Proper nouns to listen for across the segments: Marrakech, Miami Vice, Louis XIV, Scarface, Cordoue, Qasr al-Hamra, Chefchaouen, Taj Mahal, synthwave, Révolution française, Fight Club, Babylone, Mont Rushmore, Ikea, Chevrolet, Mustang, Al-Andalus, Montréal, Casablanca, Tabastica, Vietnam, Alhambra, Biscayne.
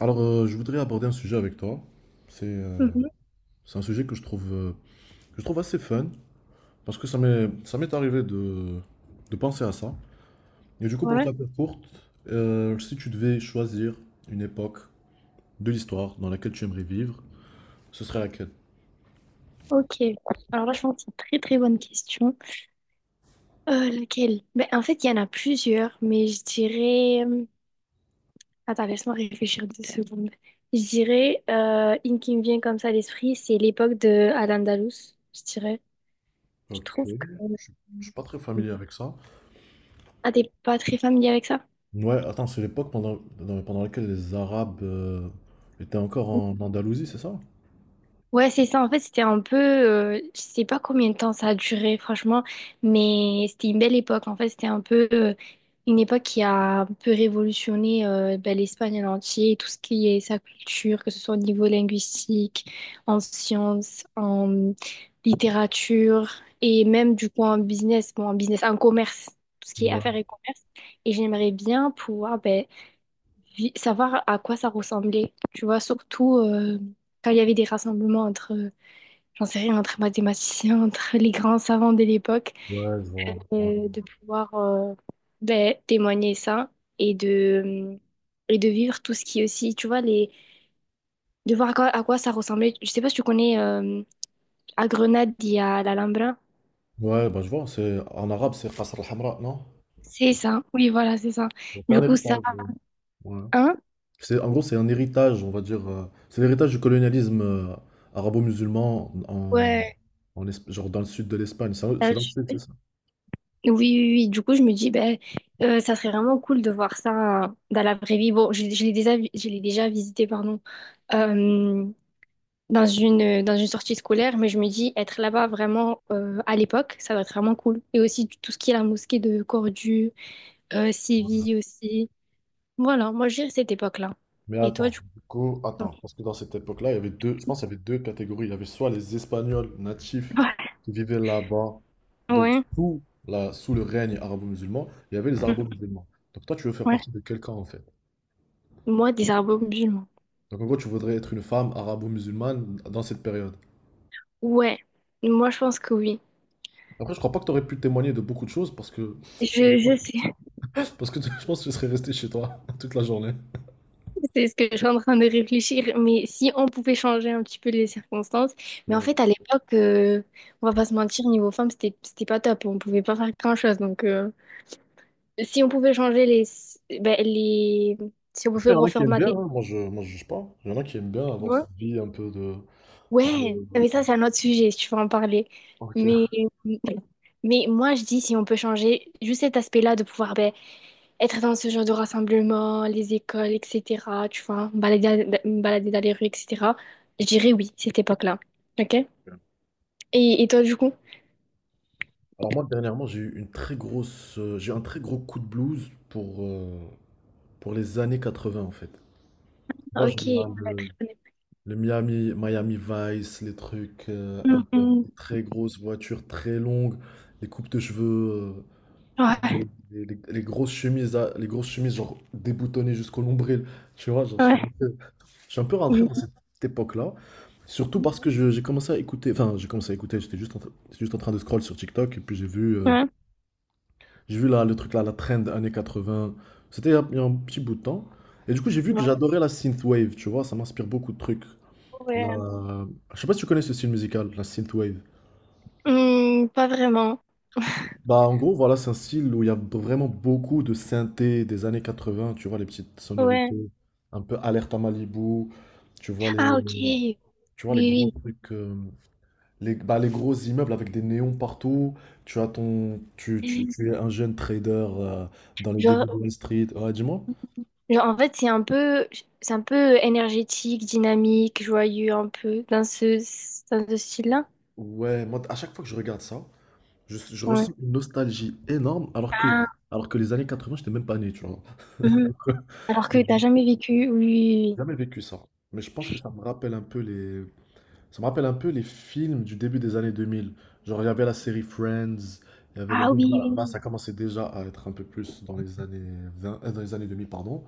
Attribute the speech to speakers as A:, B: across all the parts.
A: Alors, je voudrais aborder un sujet avec toi. C'est euh,
B: Mhm.
A: c'est un sujet que je trouve assez fun, parce que ça m'est arrivé de penser à ça. Et du coup, pour te
B: Ouais,
A: la faire courte, si tu devais choisir une époque de l'histoire dans laquelle tu aimerais vivre, ce serait laquelle?
B: ok. Alors là, je pense que c'est une très très bonne question. Laquelle? Ben, en fait, il y en a plusieurs, mais je dirais. Attends, laisse-moi réfléchir 2 secondes. Je dirais, une qui me vient comme ça à l'esprit, c'est l'époque de Al-Andalus, je dirais. Je
A: Ok.
B: trouve que...
A: Je, je suis pas très
B: euh,
A: familier avec ça.
B: Ah, t'es pas très familier avec ça?
A: Ouais, attends, c'est l'époque pendant laquelle les Arabes étaient encore en Andalousie, c'est ça?
B: Ouais, c'est ça. En fait, c'était un peu, je sais pas combien de temps ça a duré, franchement, mais c'était une belle époque. En fait, c'était un peu une époque qui a un peu révolutionné ben, l'Espagne en entier, tout ce qui est sa culture, que ce soit au niveau linguistique, en sciences, en littérature et même du coup en business, bon, en business, en commerce, tout ce qui est
A: Ouais,
B: affaires et commerce. Et j'aimerais bien pouvoir ben, savoir à quoi ça ressemblait, tu vois, surtout quand il y avait des rassemblements entre j'en sais rien, entre mathématiciens, entre les grands savants de l'époque,
A: ouais, je vois. Ouais,
B: de pouvoir ben, témoigner ça et de, et de vivre tout ce qui est aussi, tu vois, les, de voir à quoi ça ressemblait. Je sais pas si tu connais, à Grenade, il y a l'Alhambra.
A: ouais, bah je vois, c'est en arabe, c'est Qasr al-Hamra, non?
B: C'est ça, oui, voilà, c'est ça.
A: Donc, c'est
B: Du
A: un
B: coup, ça,
A: héritage. Ouais.
B: hein?
A: C'est, en gros, c'est un héritage, on va dire. C'est l'héritage du colonialisme arabo-musulman
B: Ouais.
A: genre dans le sud de l'Espagne. C'est
B: ça,
A: c'est dans le sud, c'est
B: je-
A: ça?
B: Oui, oui, oui. Du coup, je me dis, ben, ça serait vraiment cool de voir ça dans la vraie vie. Bon, je l'ai déjà, je l'ai déjà visité, pardon. Euh, dans une sortie scolaire, mais je me dis être là-bas vraiment à l'époque, ça doit être vraiment cool. Et aussi tout ce qui est la mosquée de Cordoue, Séville aussi. Voilà, moi je dirais cette époque-là.
A: Mais
B: Et toi,
A: attends,
B: du coup?
A: du coup, attends, parce que dans cette époque-là, il y avait deux, je pense qu'il y avait deux catégories. Il y avait soit les Espagnols natifs
B: Ouais.
A: qui vivaient là-bas, donc
B: Ouais.
A: sous le règne arabo-musulman, il y avait les
B: Mhm.
A: arabo-musulmans. Donc toi, tu veux faire
B: Ouais.
A: partie de quel camp en fait?
B: Moi, des arbres musulmans.
A: Donc en gros, tu voudrais être une femme arabo-musulmane dans cette période.
B: Ouais, moi je pense que oui.
A: Après, je crois pas que tu aurais pu témoigner de beaucoup de choses parce que
B: Je sais,
A: parce que tu- je pense que tu serais resté chez toi toute la journée.
B: c'est ce que je suis en train de réfléchir, mais si on pouvait changer un petit peu les circonstances. Mais en
A: Ouais.
B: fait, à l'époque, on va pas se mentir, niveau femme, c'était pas top. On pouvait pas faire grand-chose, donc si on pouvait changer les, ben, les... Si on pouvait
A: Après, il y en a qui aiment bien,
B: reformater,
A: hein. Moi je juge pas. Il y en a qui aiment bien
B: tu
A: avoir
B: vois?
A: cette vie un peu de,
B: Ouais,
A: de- de-
B: mais ça, c'est un autre sujet, si tu veux en parler.
A: Ok.
B: Mais, mais moi, je dis, si on peut changer juste cet aspect-là de pouvoir ben, être dans ce genre de rassemblement, les écoles, etc., tu vois, me balader dans les rues, etc., je dirais oui, cette époque-là. OK? Et toi, du coup?
A: Alors moi dernièrement, j'ai eu un très gros coup de blues pour les années 80 en fait.
B: Ah,
A: Moi,
B: ok. Ouais, très bonne époque.
A: Le Miami, Miami Vice, les trucs, un
B: Hum,
A: peu avec
B: hum.
A: des très grosses voitures très longues, les coupes de cheveux, euh, tu vois,
B: Ouais,
A: les grosses chemises genre déboutonnées jusqu'au nombril. Tu vois, genre, je suis
B: ouais.
A: un peu, je suis un peu rentré
B: Oui.
A: dans cette époque-là. Surtout parce que j'ai commencé à écouter, enfin j'ai commencé à écouter, j'étais juste en train de scroll sur TikTok et puis j'ai vu, euh,
B: Ouais.
A: j'ai vu là, le truc là, la trend années 80, c'était il y a un petit bout de temps. Et du coup j'ai vu que
B: Ouais.
A: j'adorais la synthwave, tu vois, ça m'inspire beaucoup de trucs.
B: Ouais.
A: La- Je sais pas si tu connais ce style musical, la synthwave.
B: Pas vraiment.
A: Bah en gros voilà, c'est un style où il y a vraiment beaucoup de synthé des années 80, tu vois, les petites
B: Ouais.
A: sonorités, un peu alerte à Malibu, tu vois les,
B: Ah, ok. Oui,
A: tu vois les gros
B: oui.
A: trucs, bah, les gros immeubles avec des néons partout, tu as ton, tu es un jeune trader euh, dans les débuts de
B: Genre,
A: Wall Street, ouais dis-moi.
B: genre, en fait, c'est un peu énergétique, dynamique, joyeux, un peu, dans ce style-là.
A: Ouais, moi à chaque fois que je regarde ça, je
B: Ouais.
A: ressens une nostalgie énorme alors que,
B: Ah,
A: alors que les années 80 j'étais même pas né, tu vois.
B: mhm. Alors que t'as jamais vécu. Oui, oui, oui.
A: Jamais vécu ça. Mais je pense que ça me rappelle un peu les... Ça me rappelle un peu les films du début des années 2000. Genre, il y avait la série Friends, il y avait le...
B: Ah,
A: Bon,
B: oui,
A: là, là, ça
B: oui,
A: commençait déjà à être un peu plus dans les années 20, dans les années 2000 pardon.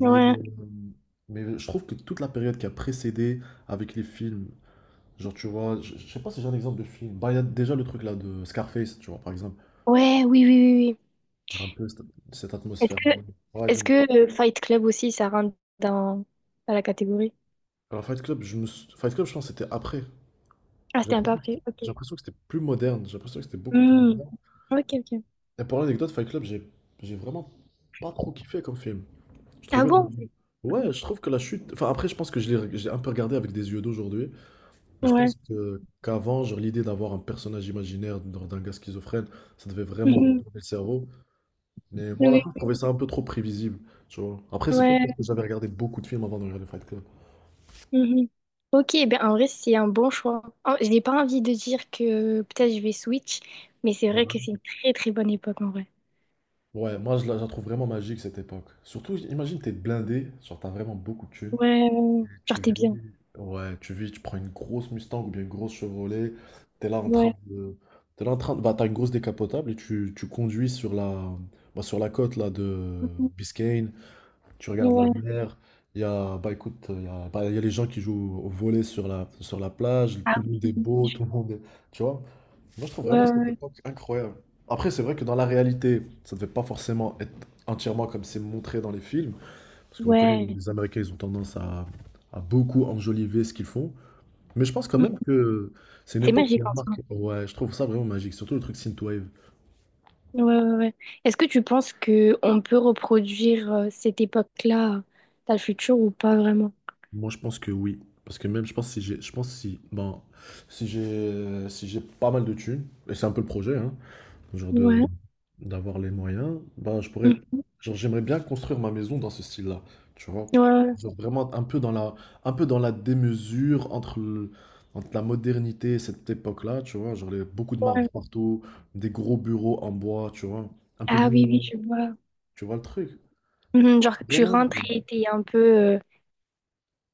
B: oui. Ouais.
A: euh, mais je trouve que toute la période qui a précédé avec les films, genre, tu vois, je sais pas si j'ai un exemple de film. Bah, il y a déjà le truc là de Scarface, tu vois, par exemple.
B: Ouais, oui, oui, oui. Oui.
A: Genre un peu cette, cette
B: Est-ce
A: atmosphère.
B: que,
A: Ouais,
B: est-ce
A: j'aime.
B: que Fight Club aussi, ça rentre dans la catégorie?
A: Alors, Fight Club, Fight Club, je pense que c'était après.
B: Ah,
A: J'ai
B: c'était un peu
A: l'impression que c'était
B: après. Ok.
A: j'ai l'impression que c'était plus moderne. J'ai l'impression que c'était beaucoup plus
B: Hmm.
A: moderne.
B: Ok, ok.
A: Et pour l'anecdote, Fight Club, j'ai vraiment pas trop kiffé comme film. Je
B: Ah
A: trouvais le-
B: bon?
A: Ouais, je trouve que la chute. Enfin, après, je pense que je l'ai j'ai un peu regardé avec des yeux d'aujourd'hui. Mais je
B: Ouais.
A: pense que qu'avant, genre, l'idée d'avoir un personnage imaginaire d'un gars schizophrène, ça devait vraiment
B: Mhm.
A: retourner le cerveau. Mais moi, à la fin,
B: Oui.
A: je trouvais ça un peu trop prévisible. Tu vois. Après,
B: Oui.
A: c'est peut-être
B: Ouais,
A: parce que j'avais regardé beaucoup de films avant de regarder Fight Club.
B: mhm. Ok, ben en vrai, c'est un bon choix. Je n'ai pas envie de dire que peut-être je vais switch, mais c'est vrai que c'est une très très bonne époque en vrai.
A: Ouais, moi, je la trouve vraiment magique cette époque. Surtout, imagine, t'es blindé, genre, t'as vraiment beaucoup de thunes.
B: Ouais, ouais. Ouais. Genre
A: Tu
B: t'es
A: vis,
B: bien.
A: ouais, tu vis, tu, prends une grosse Mustang ou bien une grosse Chevrolet, t'es là en train
B: Ouais.
A: de, t'es là en train de, bah, t'as une grosse décapotable et tu conduis sur la, bah, sur la côte là de
B: Mhm.
A: Biscayne, tu regardes la
B: Ouais.
A: mer, il y a, bah écoute, il y a, bah, il y a les gens qui jouent au volley sur la plage,
B: Ah
A: tout le monde est
B: oui.
A: beau, tout le monde est, tu vois. Moi je trouve
B: Ouais,
A: vraiment cette
B: ouais.
A: époque incroyable. Après c'est vrai que dans la réalité, ça ne devait pas forcément être entièrement comme c'est montré dans les films, parce qu'on connaît
B: Ouais.
A: les Américains, ils ont tendance à beaucoup enjoliver ce qu'ils font. Mais je pense quand
B: Mhm.
A: même que c'est une
B: C'est
A: époque qui
B: magique
A: a
B: en soi.
A: marqué. Ouais, je trouve ça vraiment magique. Surtout le truc synthwave.
B: Ouais, ouais, ouais. Est-ce que tu penses que on peut reproduire cette époque-là dans le futur ou pas vraiment?
A: Moi, je pense que oui. Parce que même, je pense si j'ai, je pense si, ben, si j'ai pas mal de thunes, et c'est un peu le projet, hein, genre de
B: Ouais.
A: d'avoir les moyens, bah je pourrais,
B: Mhm.
A: genre j'aimerais bien construire ma maison dans ce style-là, tu vois.
B: Ouais,
A: Genre vraiment un peu dans la un peu dans la démesure entre la modernité et cette époque-là, tu vois, genre les- beaucoup de marbre
B: ouais.
A: partout, des gros bureaux en bois, tu vois, un peu de
B: Ah oui, oui,
A: néon,
B: je vois.
A: tu vois le truc.
B: Mhm, genre que tu
A: Vraiment.
B: rentres et t'es un peu.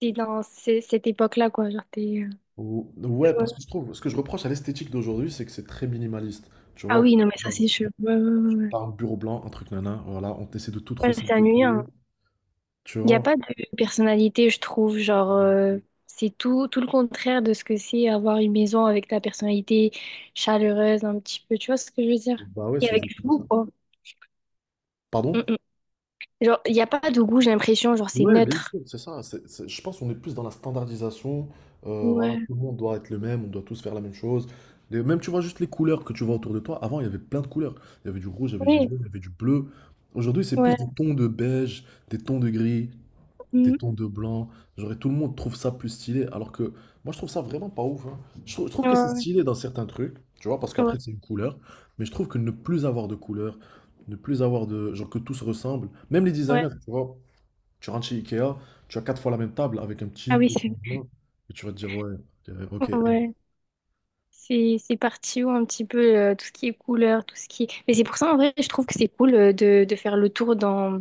B: T'es dans cette époque-là, quoi. Genre, t'es...
A: Ouais,
B: Ouais.
A: parce que je trouve, ce que je reproche à l'esthétique d'aujourd'hui, c'est que c'est très minimaliste. Tu
B: Ah
A: vois,
B: oui, non, mais ça,
A: genre,
B: c'est sûr. Ouais, ouais, ouais, ouais.
A: t'as un bureau blanc, un truc nana, voilà, on essaie de tout trop
B: Ouais, c'est
A: simplifier.
B: ennuyant.
A: Tu
B: Il n'y a
A: vois?
B: pas de personnalité, je trouve. Genre, c'est tout, tout le contraire de ce que c'est avoir une maison avec ta personnalité chaleureuse, un petit peu. Tu vois ce que je veux dire?
A: Bah ouais,
B: Et
A: c'est
B: avec du
A: exactement ça.
B: goût, quoi. Mm,
A: Pardon?
B: mm. Genre, il n'y a pas de goût, j'ai l'impression. Genre, c'est
A: Ouais, bien
B: neutre.
A: sûr, c'est ça. Je pense qu'on est plus dans la standardisation. Voilà,
B: Ouais.
A: tout le monde doit être le même, on doit tous faire la même chose. Et même, tu vois, juste les couleurs que tu vois autour de toi. Avant, il y avait plein de couleurs. Il y avait du rouge, il y avait du
B: Oui,
A: jaune, il y avait du bleu. Aujourd'hui, c'est plus
B: ouais.
A: des tons de beige, des tons de gris, des
B: Mm.
A: tons de blanc. Genre, et tout le monde trouve ça plus stylé. Alors que moi, je trouve ça vraiment pas ouf, hein. Je trouve
B: Ouais,
A: que c'est
B: ouais,
A: stylé dans certains trucs, tu vois, parce
B: ouais.
A: qu'après, c'est une couleur. Mais je trouve que ne plus avoir de couleurs, ne plus avoir de. Genre, que tout se ressemble. Même les
B: Ouais.
A: designers, tu vois. Tu rentres chez Ikea, tu as 4 fois la même table avec un
B: Ah
A: petit
B: oui,
A: peu de
B: c'est
A: changement, et tu vas te dire, ouais, ok. Ok.
B: vrai. Ouais. C'est parti où un petit peu tout ce qui est couleur, tout ce qui est... Mais c'est pour ça en vrai, je trouve que c'est cool de faire le tour dans,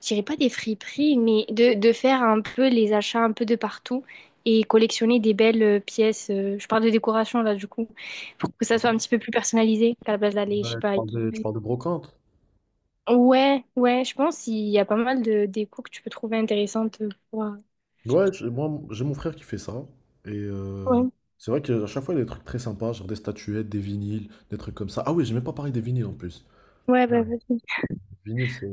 B: je dirais pas des friperies, mais de faire un peu les achats un peu de partout et collectionner des belles pièces. Je parle de décoration là du coup, pour que ça soit un petit peu plus personnalisé qu'à la place d'aller, je sais
A: Ouais,
B: pas.
A: tu
B: Avec-
A: parles de, tu parles de brocante?
B: Ouais, ouais, je pense qu'il y a pas mal de déco que tu peux trouver intéressantes pour...
A: Ouais, moi, j'ai mon frère qui fait ça, et
B: Ouais,
A: c'est vrai qu'à chaque fois, il y a des trucs très sympas, genre des statuettes, des vinyles, des trucs comme ça. Ah oui, j'ai même pas parlé des vinyles en plus.
B: ouais, bah
A: Les
B: vas-y.
A: vinyles, c'est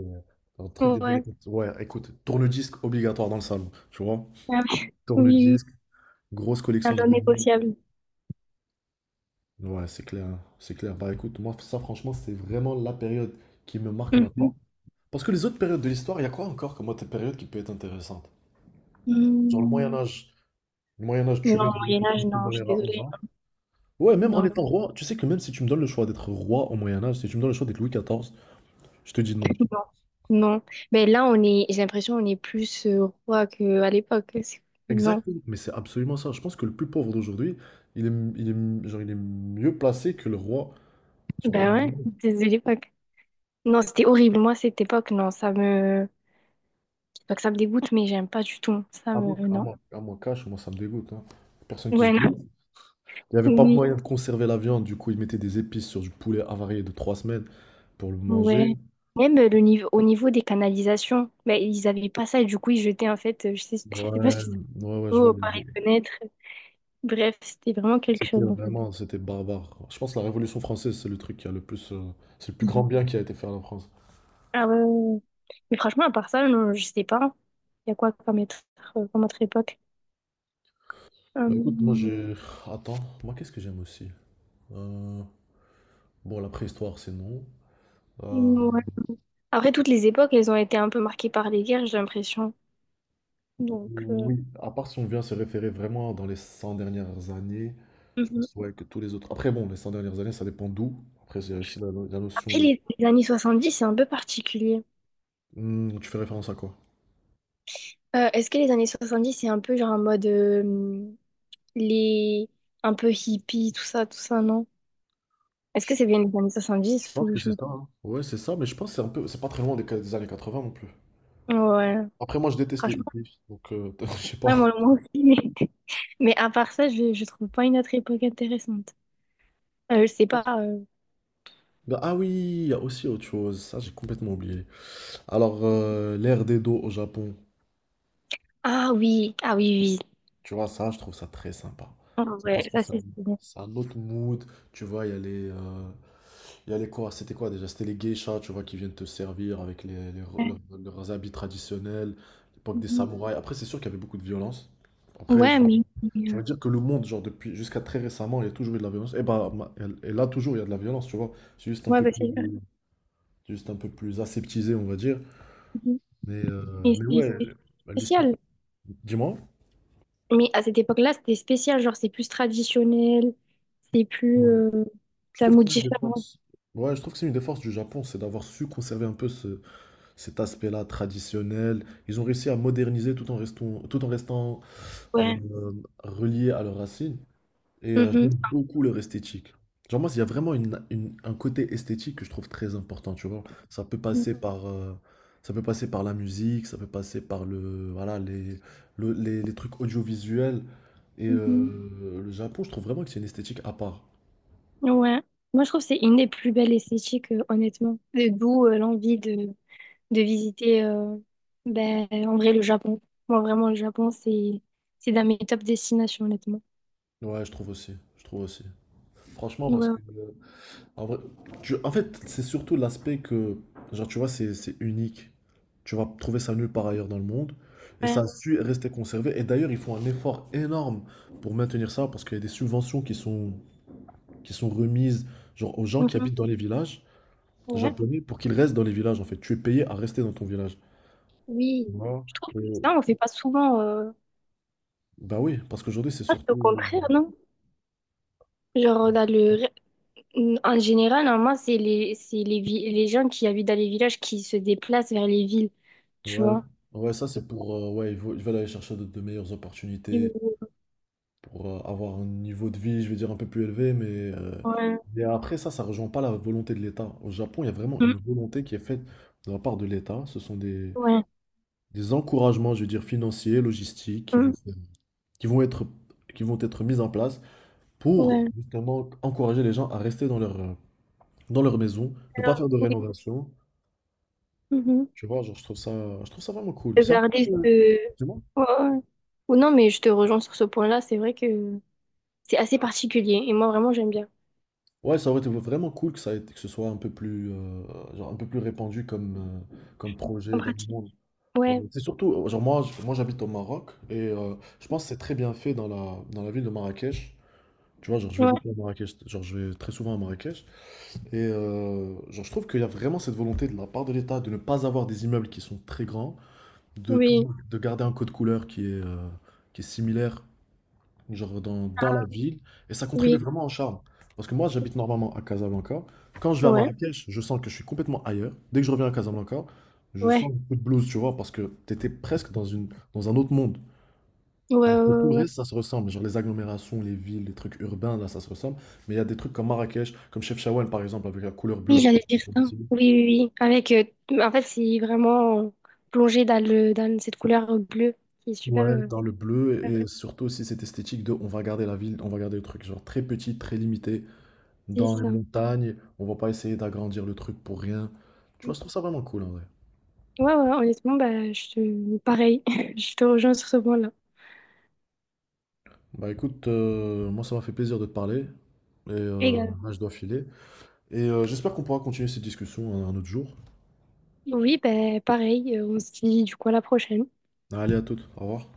A: un truc des années
B: Ouais,
A: 80. Ouais, écoute, tourne-disque obligatoire dans le salon, tu vois?
B: ah ouais. Oui, oui, oui.
A: Tourne-disque, grosse
B: C'est un
A: collection de
B: non
A: vinyles.
B: négociable.
A: Ouais, c'est clair, c'est clair. Bah écoute, moi, ça, franchement, c'est vraiment la période qui me marque
B: Mhm.
A: maintenant. Parce que les autres périodes de l'histoire, il y a quoi encore comme autre période qui peut être intéressante? Genre le Moyen
B: Hmm.
A: Âge. Le Moyen Âge,
B: Non,
A: tu
B: au
A: meurs, je n'ai
B: Moyen
A: que
B: Âge,
A: 30
B: non, je suis
A: malheur à 11
B: désolée.
A: ans. Ouais, même en
B: Non,
A: étant roi, tu sais que même si tu me donnes le choix d'être roi au Moyen Âge, si tu me donnes le choix d'être Louis XIV, je te dis non.
B: non, non. Mais là, on est, j'ai l'impression on est plus roi qu'à l'époque. C'est- Non.
A: Exactement, mais c'est absolument ça. Je pense que le plus pauvre d'aujourd'hui, il est, genre, il est mieux placé que le roi. Genre, au
B: Ben
A: Moyen
B: ouais,
A: Âge.
B: désolée l'époque. Non, c'était horrible. Moi, cette époque, non, ça me... C'est pas que ça me dégoûte, mais j'aime pas du tout. Ça me... Non.
A: Cash, moi ça me dégoûte, hein. Personne qui se
B: Ouais,
A: douce.
B: non.
A: Il n'y avait pas
B: Oui,
A: moyen de conserver la viande, du coup ils mettaient des épices sur du poulet avarié de 3 semaines pour le manger.
B: ouais. Même le niveau, au niveau des canalisations, ben, ils avaient pas ça et du coup, ils jetaient, en fait, je sais pas
A: Ouais,
B: si ça...
A: ouais, ouais, je vois.
B: Oh, par les fenêtres. Bref, c'était vraiment quelque
A: C'était
B: chose, en fait.
A: vraiment, c'était barbare. Je pense que la Révolution française, c'est le truc qui a le c'est le plus grand bien qui a été fait à la France.
B: Ah ouais. Mais franchement, à part ça, non, je sais pas. Il y a quoi comme, être, comme autre époque?
A: Bah écoute, moi
B: Euh,
A: j'ai, attends, moi qu'est-ce que j'aime aussi? Euh, Bon, la préhistoire, c'est non. Euh,
B: ouais. Après, toutes les époques, elles ont été un peu marquées par les guerres, j'ai l'impression. Donc,
A: Oui, à part si on vient se référer vraiment dans les 100 dernières années, je
B: mhm.
A: pense ouais, que tous les autres. Après bon, les 100 dernières années, ça dépend d'où. Après, c'est aussi la notion.
B: Après, les années 10 c'est un peu particulier.
A: Hmm, tu fais référence à quoi?
B: Est-ce que les années 70 c'est un peu genre en mode les un peu hippie, tout ça, non? Est-ce
A: Je
B: que c'est bien les années soixante
A: je
B: dix
A: pense
B: ou
A: que
B: je
A: c'est
B: me...
A: ça, hein. Ouais, c'est ça, mais je pense que c'est un peu, c'est pas très loin des années 20 non plus.
B: Ouais,
A: Après, moi, je déteste les
B: franchement,
A: hittifs, donc je sais pas.
B: ouais, moi, moi aussi. Mais à part ça, je trouve pas une autre époque intéressante. Je sais pas.
A: Bah, ah oui, il y a aussi autre chose. Ça, j'ai complètement oublié. Alors, l'ère des dos au Japon,
B: Ah oui, ah oui, oui.
A: tu vois, ça, je trouve ça très sympa.
B: Ah
A: C'est parce
B: ouais,
A: que
B: ça
A: ça-
B: c'est stylé.
A: C'est un autre mood. Tu vois, il y a il y a les quoi, c'était quoi déjà? C'était les geishas, tu vois, qui viennent te servir avec
B: Ouais,
A: leurs habits traditionnels, l'époque des
B: mhm.
A: samouraïs. Après, c'est sûr qu'il y avait beaucoup de violence. Après,
B: Ouais,
A: je-
B: mais...
A: J'ai
B: euh,
A: envie de dire que le monde, genre, depuis jusqu'à très récemment, il y a toujours eu de la violence. Et là, toujours, il y a de la violence, tu vois. C'est juste un
B: Ouais,
A: peu
B: bah,
A: plus,
B: c'est
A: c'est juste un peu plus aseptisé, on va dire.
B: mhm. Mais
A: Mais
B: c'est-
A: ouais,
B: c'est
A: bah, l'esti-
B: spécial.
A: dis-moi.
B: Mais à cette époque-là, c'était spécial. Genre, c'est plus traditionnel. C'est plus...
A: Ouais. Je
B: T'as un
A: trouve que
B: mot
A: c'est une des
B: différent.
A: forces. Ouais, je trouve que c'est une des forces du Japon, c'est d'avoir su conserver un peu cet aspect-là traditionnel. Ils ont réussi à moderniser tout en restant euh,
B: Ouais.
A: reliés à leurs racines. Et
B: Mhm.
A: j'aime beaucoup leur esthétique. Genre moi, il y a vraiment un côté esthétique que je trouve très important, tu vois. Ça peut passer par, ça peut passer par la musique, ça peut passer par le, voilà, les, le- les trucs audiovisuels. Et
B: Mhm.
A: le Japon, je trouve vraiment que c'est une esthétique à part.
B: Ouais. Moi, je trouve que c'est une des plus belles esthétiques, honnêtement. Et d'où l'envie de visiter, ben, en vrai, le Japon. Moi, vraiment, le Japon, c'est dans mes top destinations, honnêtement.
A: Je trouve aussi. Franchement, parce que
B: Ouais,
A: en vrai, en fait, c'est surtout l'aspect que, genre, tu vois, c'est unique. Tu vas trouver ça nulle part ailleurs dans le monde. Et ça a
B: ouais.
A: su rester conservé. Et d'ailleurs, ils font un effort énorme pour maintenir ça parce qu'il y a des subventions qui sont remises, genre, aux gens qui
B: Mhm.
A: habitent dans les villages
B: Ouais,
A: japonais pour qu'ils restent dans les villages, en fait. Tu es payé à rester dans ton village. Tu
B: oui.
A: vois?
B: Je trouve que ça,
A: Et-
B: on fait pas souvent.
A: bah oui, parce qu'aujourd'hui, c'est
B: Ah, c'est au
A: surtout.
B: contraire, non? Genre, dans le... en général, normalement, c'est les, les gens qui habitent dans les villages qui se déplacent vers les villes, tu
A: Ouais,
B: vois?
A: ouais, ça, c'est pour, ouais, ils veulent aller chercher de meilleures opportunités pour avoir un niveau de vie, je vais dire, un peu plus élevé, euh,
B: Ouais.
A: mais après ça, ça rejoint pas la volonté de l'État. Au Japon, il y a vraiment
B: Mm.
A: une volonté qui est faite de la part de l'État. Ce sont
B: Ouais.
A: des encouragements, je veux dire, financiers, logistiques,
B: Mm.
A: qui vont être, qui vont être mis en place pour
B: Ouais.
A: justement encourager les gens à rester dans leur maison, ne pas
B: Alors,
A: faire de
B: oui.
A: rénovation.
B: Mhm.
A: Tu vois, genre, je trouve ça vraiment cool.
B: De
A: C'est un peu,
B: garder ce...
A: dis-moi.
B: Ouais, ouais. Ou non, mais je te rejoins sur ce point-là. C'est vrai que c'est assez particulier. Et moi, vraiment, j'aime bien.
A: Ouais, ça aurait été vraiment cool que ce soit un peu plus, genre un peu plus répandu comme
B: En
A: projet dans le
B: pratique.
A: monde. Ouais,
B: Ouais.
A: mais c'est surtout, genre moi, moi j'habite au Maroc et je pense que c'est très bien fait dans dans la ville de Marrakech. Tu vois, genre je vais
B: Ouais.
A: beaucoup à Marrakech, genre je vais très souvent à Marrakech. Et genre je trouve qu'il y a vraiment cette volonté de la part de l'État de ne pas avoir des immeubles qui sont très grands, de
B: Oui.
A: toujours de garder un code couleur qui est similaire genre dans la ville, et ça contribue
B: Oui.
A: vraiment au charme. Parce que moi, j'habite normalement à Casablanca. Quand je vais à
B: Ouais.
A: Marrakech, je sens que je suis complètement ailleurs. Dès que je reviens à Casablanca, je sens
B: Ouais.
A: beaucoup de blues, tu vois, parce que t'étais presque dans dans un autre monde.
B: Ouais. Ouais.
A: Alors que tout
B: Ouais,
A: le
B: ouais.
A: reste, ça se ressemble. Genre les agglomérations, les villes, les trucs urbains, là, ça se ressemble. Mais il y a des trucs comme Marrakech, comme Chefchaouen, par exemple, avec la couleur
B: Oui,
A: bleue.
B: j'allais dire ça. Oui, oui, oui. Avec, en fait, c'est vraiment plongé dans le, dans cette couleur bleue qui est super.
A: Ouais, dans le bleu,
B: Super
A: et surtout aussi cette esthétique de on va garder la ville, on va garder le truc, genre très petit, très limité, dans
B: triste,
A: les
B: ça.
A: montagnes, on va pas essayer d'agrandir le truc pour rien. Tu vois,
B: Mm.
A: je trouve ça vraiment cool en vrai.
B: Ouais, ouais, honnêtement, bah, je pareil. Je te rejoins sur ce point-là.
A: Bah écoute, moi ça m'a fait plaisir de te parler. Et
B: Égal.
A: là, je dois filer. Et j'espère qu'on pourra continuer cette discussion un autre jour.
B: Oui, bah, pareil. On se dit du coup à la prochaine.
A: Allez, à toutes. Au revoir.